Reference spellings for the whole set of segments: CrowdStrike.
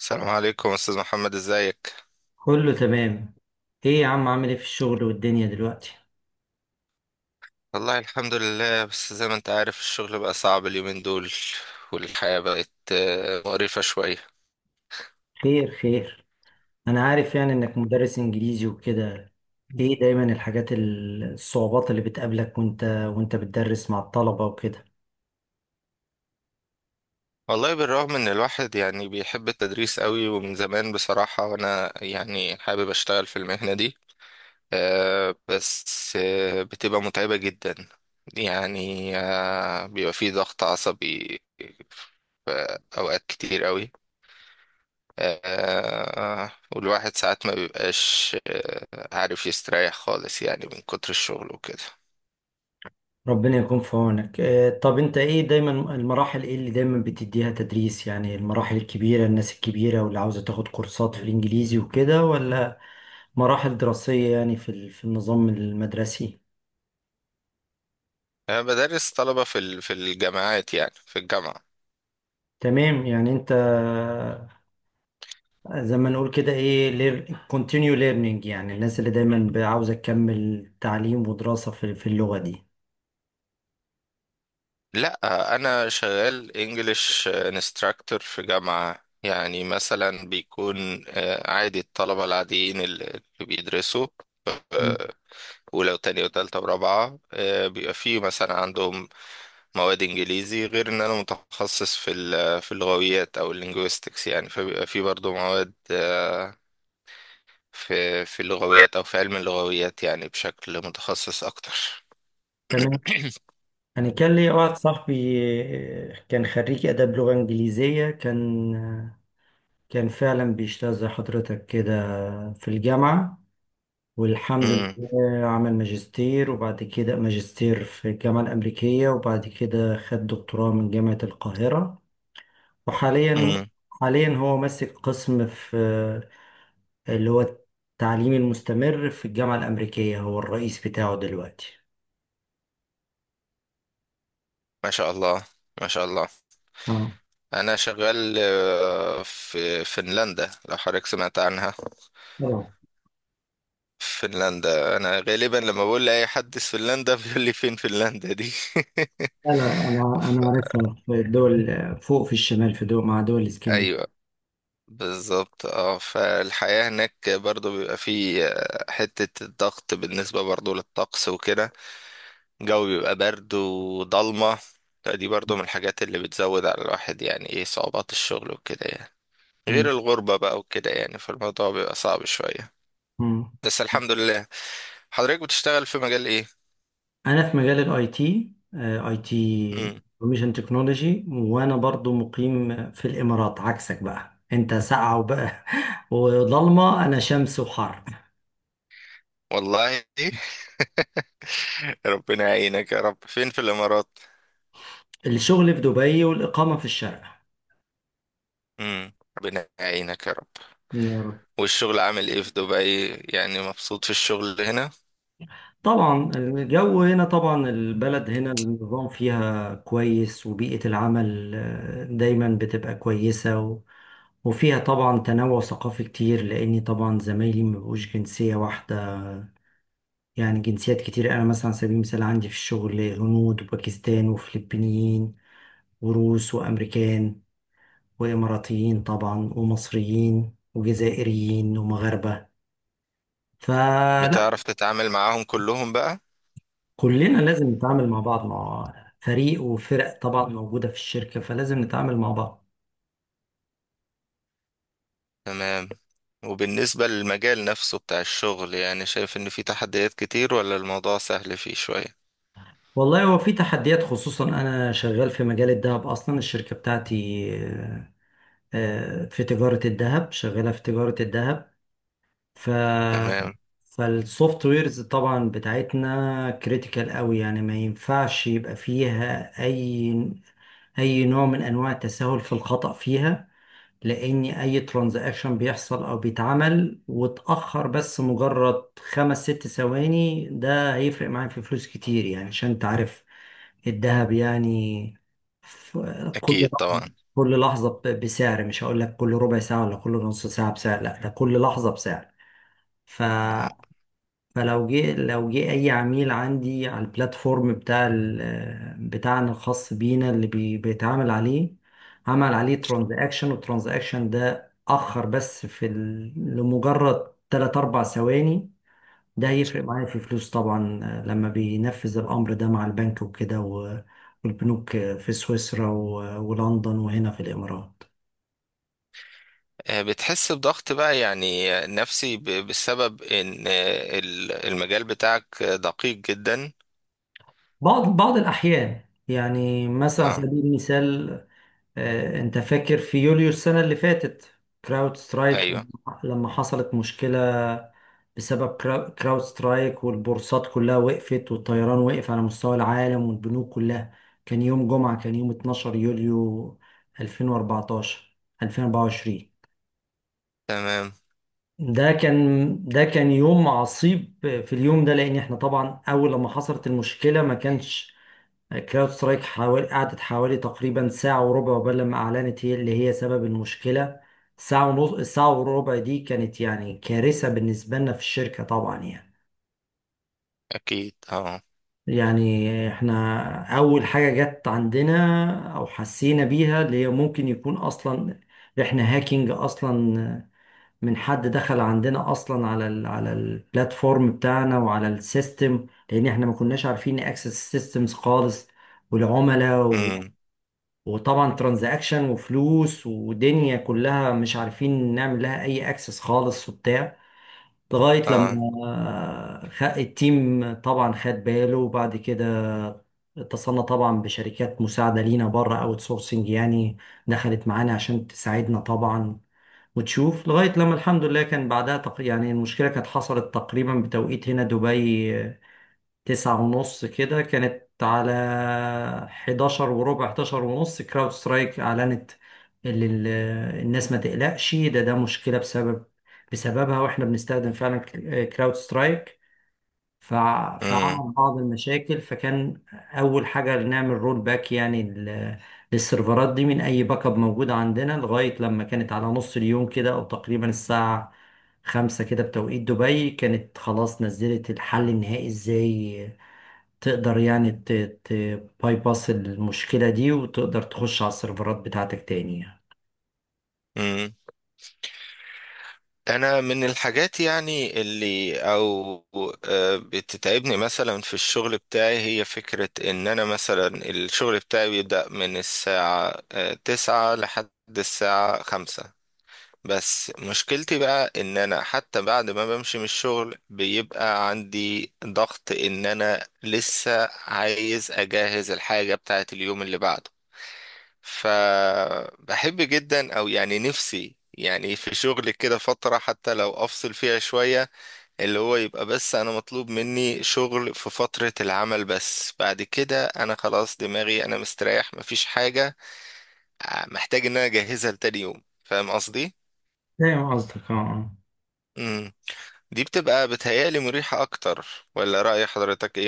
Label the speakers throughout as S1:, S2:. S1: السلام عليكم استاذ محمد، ازيك؟
S2: كله تمام. ايه يا عم، عامل ايه في الشغل والدنيا دلوقتي؟
S1: والله الحمد لله، بس زي ما انت عارف الشغل بقى صعب اليومين دول. والحياة بقت مقرفة شوية.
S2: خير خير. انا عارف يعني انك مدرس انجليزي وكده. ايه دايما الحاجات الصعوبات اللي بتقابلك وانت بتدرس مع الطلبة وكده.
S1: والله بالرغم ان الواحد يعني بيحب التدريس قوي ومن زمان بصراحة، وانا يعني حابب اشتغل في المهنة دي. بس بتبقى متعبة جدا. يعني بيبقى فيه ضغط عصبي في اوقات كتير قوي. والواحد ساعات ما بيبقاش عارف يستريح خالص، يعني من كتر الشغل وكده.
S2: ربنا يكون في عونك. طب انت ايه، دايما المراحل ايه اللي دايما بتديها تدريس؟ يعني المراحل الكبيرة، الناس الكبيرة واللي عاوزة تاخد كورسات في الانجليزي وكده، ولا مراحل دراسية يعني في النظام المدرسي؟
S1: أنا بدرس طلبة في الجامعات، يعني في الجامعة.
S2: تمام. يعني انت زي ما نقول كده ايه continue learning، يعني الناس اللي دايما عاوزة تكمل تعليم ودراسة في اللغة دي.
S1: لا، أنا شغال انجليش انستراكتور في جامعة. يعني مثلا بيكون عادي الطلبة العاديين اللي بيدرسوا، ولو تانية وتالتة ورابعة بيبقى فيه مثلا عندهم مواد انجليزي، غير ان انا متخصص في اللغويات او اللينجويستكس. يعني فبيبقى في برضو مواد في اللغويات او في علم اللغويات، يعني بشكل متخصص اكتر.
S2: تمام. انا كان لي واحد صاحبي، كان خريج اداب لغة انجليزية، كان فعلا بيشتغل زي حضرتك كده في الجامعة. والحمد
S1: امم.
S2: لله عمل ماجستير، وبعد كده ماجستير في الجامعة الأمريكية، وبعد كده خد دكتوراه من جامعة القاهرة. وحاليا
S1: امم.
S2: حاليا هو ماسك قسم في اللي هو التعليم المستمر في الجامعة الأمريكية، هو الرئيس بتاعه دلوقتي.
S1: ما شاء الله. ما شاء الله.
S2: اه.
S1: انا شغال في فنلندا، لو حضرتك سمعت عنها.
S2: طبعا.
S1: فنلندا، انا غالبا لما بقول لاي حد في فنلندا بيقول لي فين فنلندا دي.
S2: لا لا، انا عارفها في الدول فوق في الشمال، في دول مع دول الاسكندنافيه.
S1: ايوه، بالظبط. اه، فالحياة هناك برضو بيبقى فيه حتة الضغط، بالنسبة برضو للطقس وكده. الجو بيبقى برد وضلمة. فدي برضو من الحاجات اللي بتزود على الواحد، يعني ايه صعوبات الشغل وكده يعني، غير الغربة بقى وكده يعني. فالموضوع بيبقى صعب شوية،
S2: مم.
S1: بس الحمد لله. حضرتك بتشتغل في مجال ايه؟
S2: أنا في مجال الاي تي، اي تي
S1: مم.
S2: انفورميشن تكنولوجي، وأنا برضو مقيم في الإمارات، عكسك بقى أنت ساقعة وبقى وضلمة، أنا شمس وحر.
S1: والله. ربنا يعينك يا رب. فين في الإمارات؟
S2: الشغل في دبي والإقامة في الشارقة.
S1: مم. ربنا يعينك يا رب. والشغل عامل ايه في دبي؟ يعني مبسوط في الشغل هنا؟
S2: طبعا الجو هنا، طبعا البلد هنا النظام فيها كويس، وبيئة العمل دايما بتبقى كويسة، وفيها طبعا تنوع ثقافي كتير، لأني طبعا زمايلي مبقوش جنسية واحدة. يعني جنسيات كتير، أنا مثلا على سبيل المثال عندي في الشغل هنود وباكستان وفلبينيين وروس وأمريكان وإماراتيين طبعا ومصريين وجزائريين ومغاربة، فلا.
S1: بتعرف تتعامل معاهم كلهم بقى؟
S2: كلنا لازم نتعامل مع بعض، مع فريق وفرق طبعا موجودة في الشركة، فلازم نتعامل مع بعض.
S1: تمام. وبالنسبة للمجال نفسه بتاع الشغل، يعني شايف ان في تحديات كتير، ولا الموضوع سهل فيه شوية؟
S2: والله هو في تحديات، خصوصا أنا شغال في مجال الذهب، أصلا الشركة بتاعتي في تجارة الذهب، شغالة في تجارة الذهب. ف
S1: تمام.
S2: فالسوفت ويرز طبعا بتاعتنا كريتيكال قوي، يعني ما ينفعش يبقى فيها أي نوع من أنواع التساهل في الخطأ فيها. لاني اي ترانزاكشن بيحصل او بيتعمل واتاخر بس مجرد خمس ست ثواني، ده هيفرق معايا في فلوس كتير، يعني عشان انت عارف الذهب يعني. ف- كل
S1: اكيد
S2: لحظة
S1: طبعا.
S2: كل لحظة بسعر، مش هقول لك كل ربع ساعة ولا كل نص ساعة بسعر، لا ده كل لحظة بسعر. ف فلو جه اي عميل عندي على البلاتفورم بتاعنا الخاص بينا، اللي بيتعامل عليه، عمل عليه ترانزاكشن، والترانزاكشن ده اخر بس لمجرد 3 4 ثواني، ده هيفرق معايا في فلوس طبعا، لما بينفذ الامر ده مع البنك وكده، والبنوك في سويسرا ولندن وهنا في الامارات.
S1: بتحس بضغط بقى يعني نفسي، بسبب ان المجال بتاعك دقيق جدا.
S2: بعض الاحيان، يعني مثلا على
S1: اه.
S2: سبيل المثال، انت فاكر في يوليو السنة اللي فاتت، كراود سترايك،
S1: ايوه.
S2: لما حصلت مشكلة بسبب كراود سترايك، والبورصات كلها وقفت، والطيران وقف على مستوى العالم والبنوك كلها. كان يوم جمعة، كان يوم 12 يوليو 2014 2024.
S1: تمام.
S2: ده كان يوم عصيب في اليوم ده، لان احنا طبعا اول لما حصلت المشكلة ما كانش كلاود سترايك، حوالي قعدت حوالي تقريبا ساعة وربع قبل لما أعلنت هي اللي هي سبب المشكلة. ساعة ونص، الساعة وربع دي كانت يعني كارثة بالنسبة لنا في الشركة طبعا يعني
S1: اكيد. اه.
S2: يعني احنا أول حاجة جت عندنا أو حسينا بيها، اللي هي ممكن يكون أصلا احنا هاكينج أصلا، من حد دخل عندنا أصلا على البلاتفورم بتاعنا وعلى السيستم، لأن احنا ما كناش عارفين نأكسس السيستمز خالص والعملاء.
S1: امم.
S2: وطبعا ترانزاكشن وفلوس ودنيا كلها مش عارفين نعمل لها اي اكسس خالص وبتاع، لغاية
S1: اه.
S2: لما التيم طبعا خد باله. وبعد كده اتصلنا طبعا بشركات مساعدة لينا بره، اوت سورسنج يعني، دخلت معانا عشان تساعدنا طبعا وتشوف، لغاية لما الحمد لله كان بعدها يعني المشكلة كانت حصلت تقريبا بتوقيت هنا دبي 9:30 كده، كانت على 11:15، 11:30 كراود سترايك أعلنت، اللي الناس ما تقلقش، ده مشكلة بسببها، واحنا بنستخدم فعلا كراود سترايك. فعمل بعض المشاكل، فكان أول حاجة نعمل رول باك يعني للسيرفرات دي من أي باك اب موجود عندنا، لغاية لما كانت على نص اليوم كده أو تقريبا الساعة 5 كده بتوقيت دبي، كانت خلاص نزلت الحل النهائي ازاي تقدر يعني بايباس المشكلة دي وتقدر تخش على السيرفرات بتاعتك تاني يعني.
S1: امم. انا من الحاجات يعني اللي او بتتعبني، مثلا في الشغل بتاعي، هي فكرة ان انا مثلا الشغل بتاعي بيبدأ من الساعة تسعة لحد الساعة خمسة. بس مشكلتي بقى ان انا حتى بعد ما بمشي من الشغل بيبقى عندي ضغط، ان انا لسه عايز اجهز الحاجة بتاعت اليوم اللي بعده. فبحب جدا، او يعني نفسي يعني، في شغل كده فترة حتى لو افصل فيها شوية، اللي هو يبقى بس انا مطلوب مني شغل في فترة العمل، بس بعد كده انا خلاص دماغي، انا مستريح، مفيش حاجة محتاج ان انا اجهزها لتاني يوم. فاهم قصدي؟
S2: فاهم قصدك، اه، آه.
S1: امم. دي بتبقى بتهيألي مريحة اكتر، ولا رأي حضرتك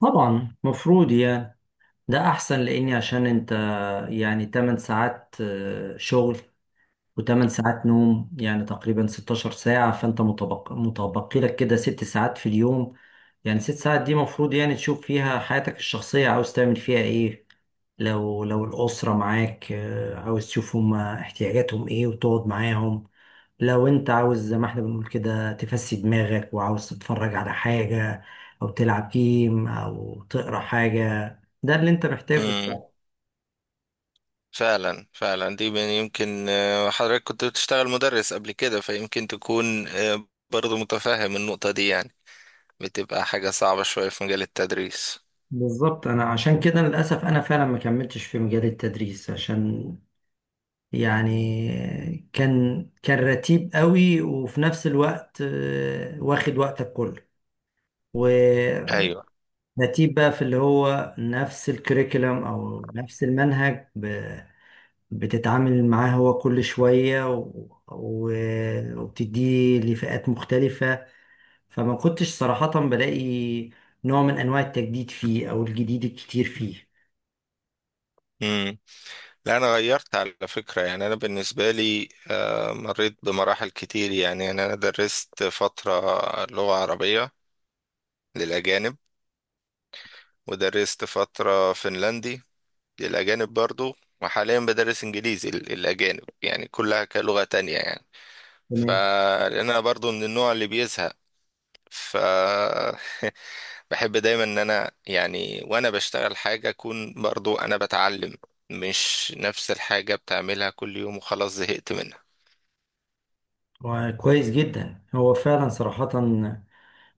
S2: طبعا مفروض يعني ده أحسن، لأني عشان أنت يعني 8 ساعات شغل، وتمن ساعات نوم، يعني تقريبا 16 ساعة، فأنت متبقي لك كده 6 ساعات في اليوم. يعني 6 ساعات دي مفروض يعني تشوف فيها حياتك الشخصية عاوز تعمل فيها إيه. لو الأسرة معاك عاوز تشوف هما احتياجاتهم إيه وتقعد معاهم. لو أنت عاوز زي ما إحنا بنقول كده تفسي دماغك وعاوز تتفرج على حاجة أو تلعب جيم أو تقرأ حاجة، ده اللي أنت محتاجه.
S1: ايه؟ فعلا فعلا. يمكن حضرتك كنت بتشتغل مدرس قبل كده، فيمكن تكون برضو متفهم النقطة دي، يعني بتبقى حاجة صعبة شوية في مجال التدريس.
S2: بالظبط. انا عشان كده للاسف انا فعلا ما كملتش في مجال التدريس، عشان يعني كان رتيب قوي، وفي نفس الوقت واخد وقتك كله، ورتيب
S1: ايوه.
S2: بقى في اللي هو نفس الكريكولم او نفس المنهج، بتتعامل معاه هو كل شوية، وبتديه لفئات مختلفة، فما كنتش صراحة بلاقي نوع من انواع التجديد فيه او الجديد الكتير فيه.
S1: امم. لا، انا غيرت على فكرة. يعني انا بالنسبة لي مريت بمراحل كتير، يعني انا درست فترة لغة عربية للأجانب، ودرست فترة فنلندي للأجانب برضو، وحاليا بدرس إنجليزي للأجانب، يعني كلها كلغة تانية يعني. فلان انا برضو من النوع اللي بيزهق، ف بحب دايما ان انا، يعني وانا بشتغل حاجة، اكون برضو انا بتعلم، مش نفس الحاجة بتعملها كل يوم وخلاص زهقت منها.
S2: وكويس جدا هو فعلا صراحة،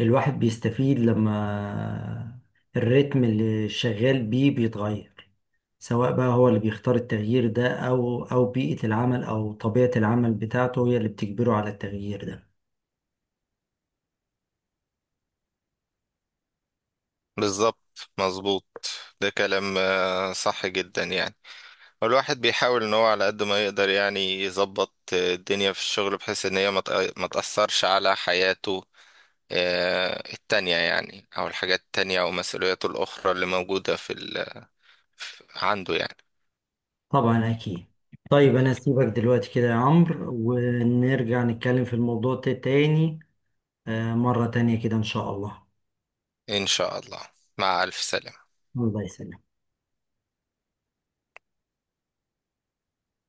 S2: الواحد بيستفيد لما الريتم اللي شغال بيه بيتغير، سواء بقى هو اللي بيختار التغيير ده أو بيئة العمل أو طبيعة العمل بتاعته هي اللي بتجبره على التغيير ده.
S1: بالظبط مظبوط. ده كلام صح جدا يعني. والواحد بيحاول ان هو على قد ما يقدر يعني يظبط الدنيا في الشغل، بحيث ان هي ما تأثرش على حياته التانية يعني، او الحاجات التانية، او مسؤولياته الاخرى اللي موجودة في ال عنده يعني.
S2: طبعا أكيد. طيب أنا أسيبك دلوقتي كده يا عمرو، ونرجع نتكلم في الموضوع ده تاني، مرة تانية كده إن شاء الله.
S1: إن شاء الله. مع ألف سلامة.
S2: الله يسلمك.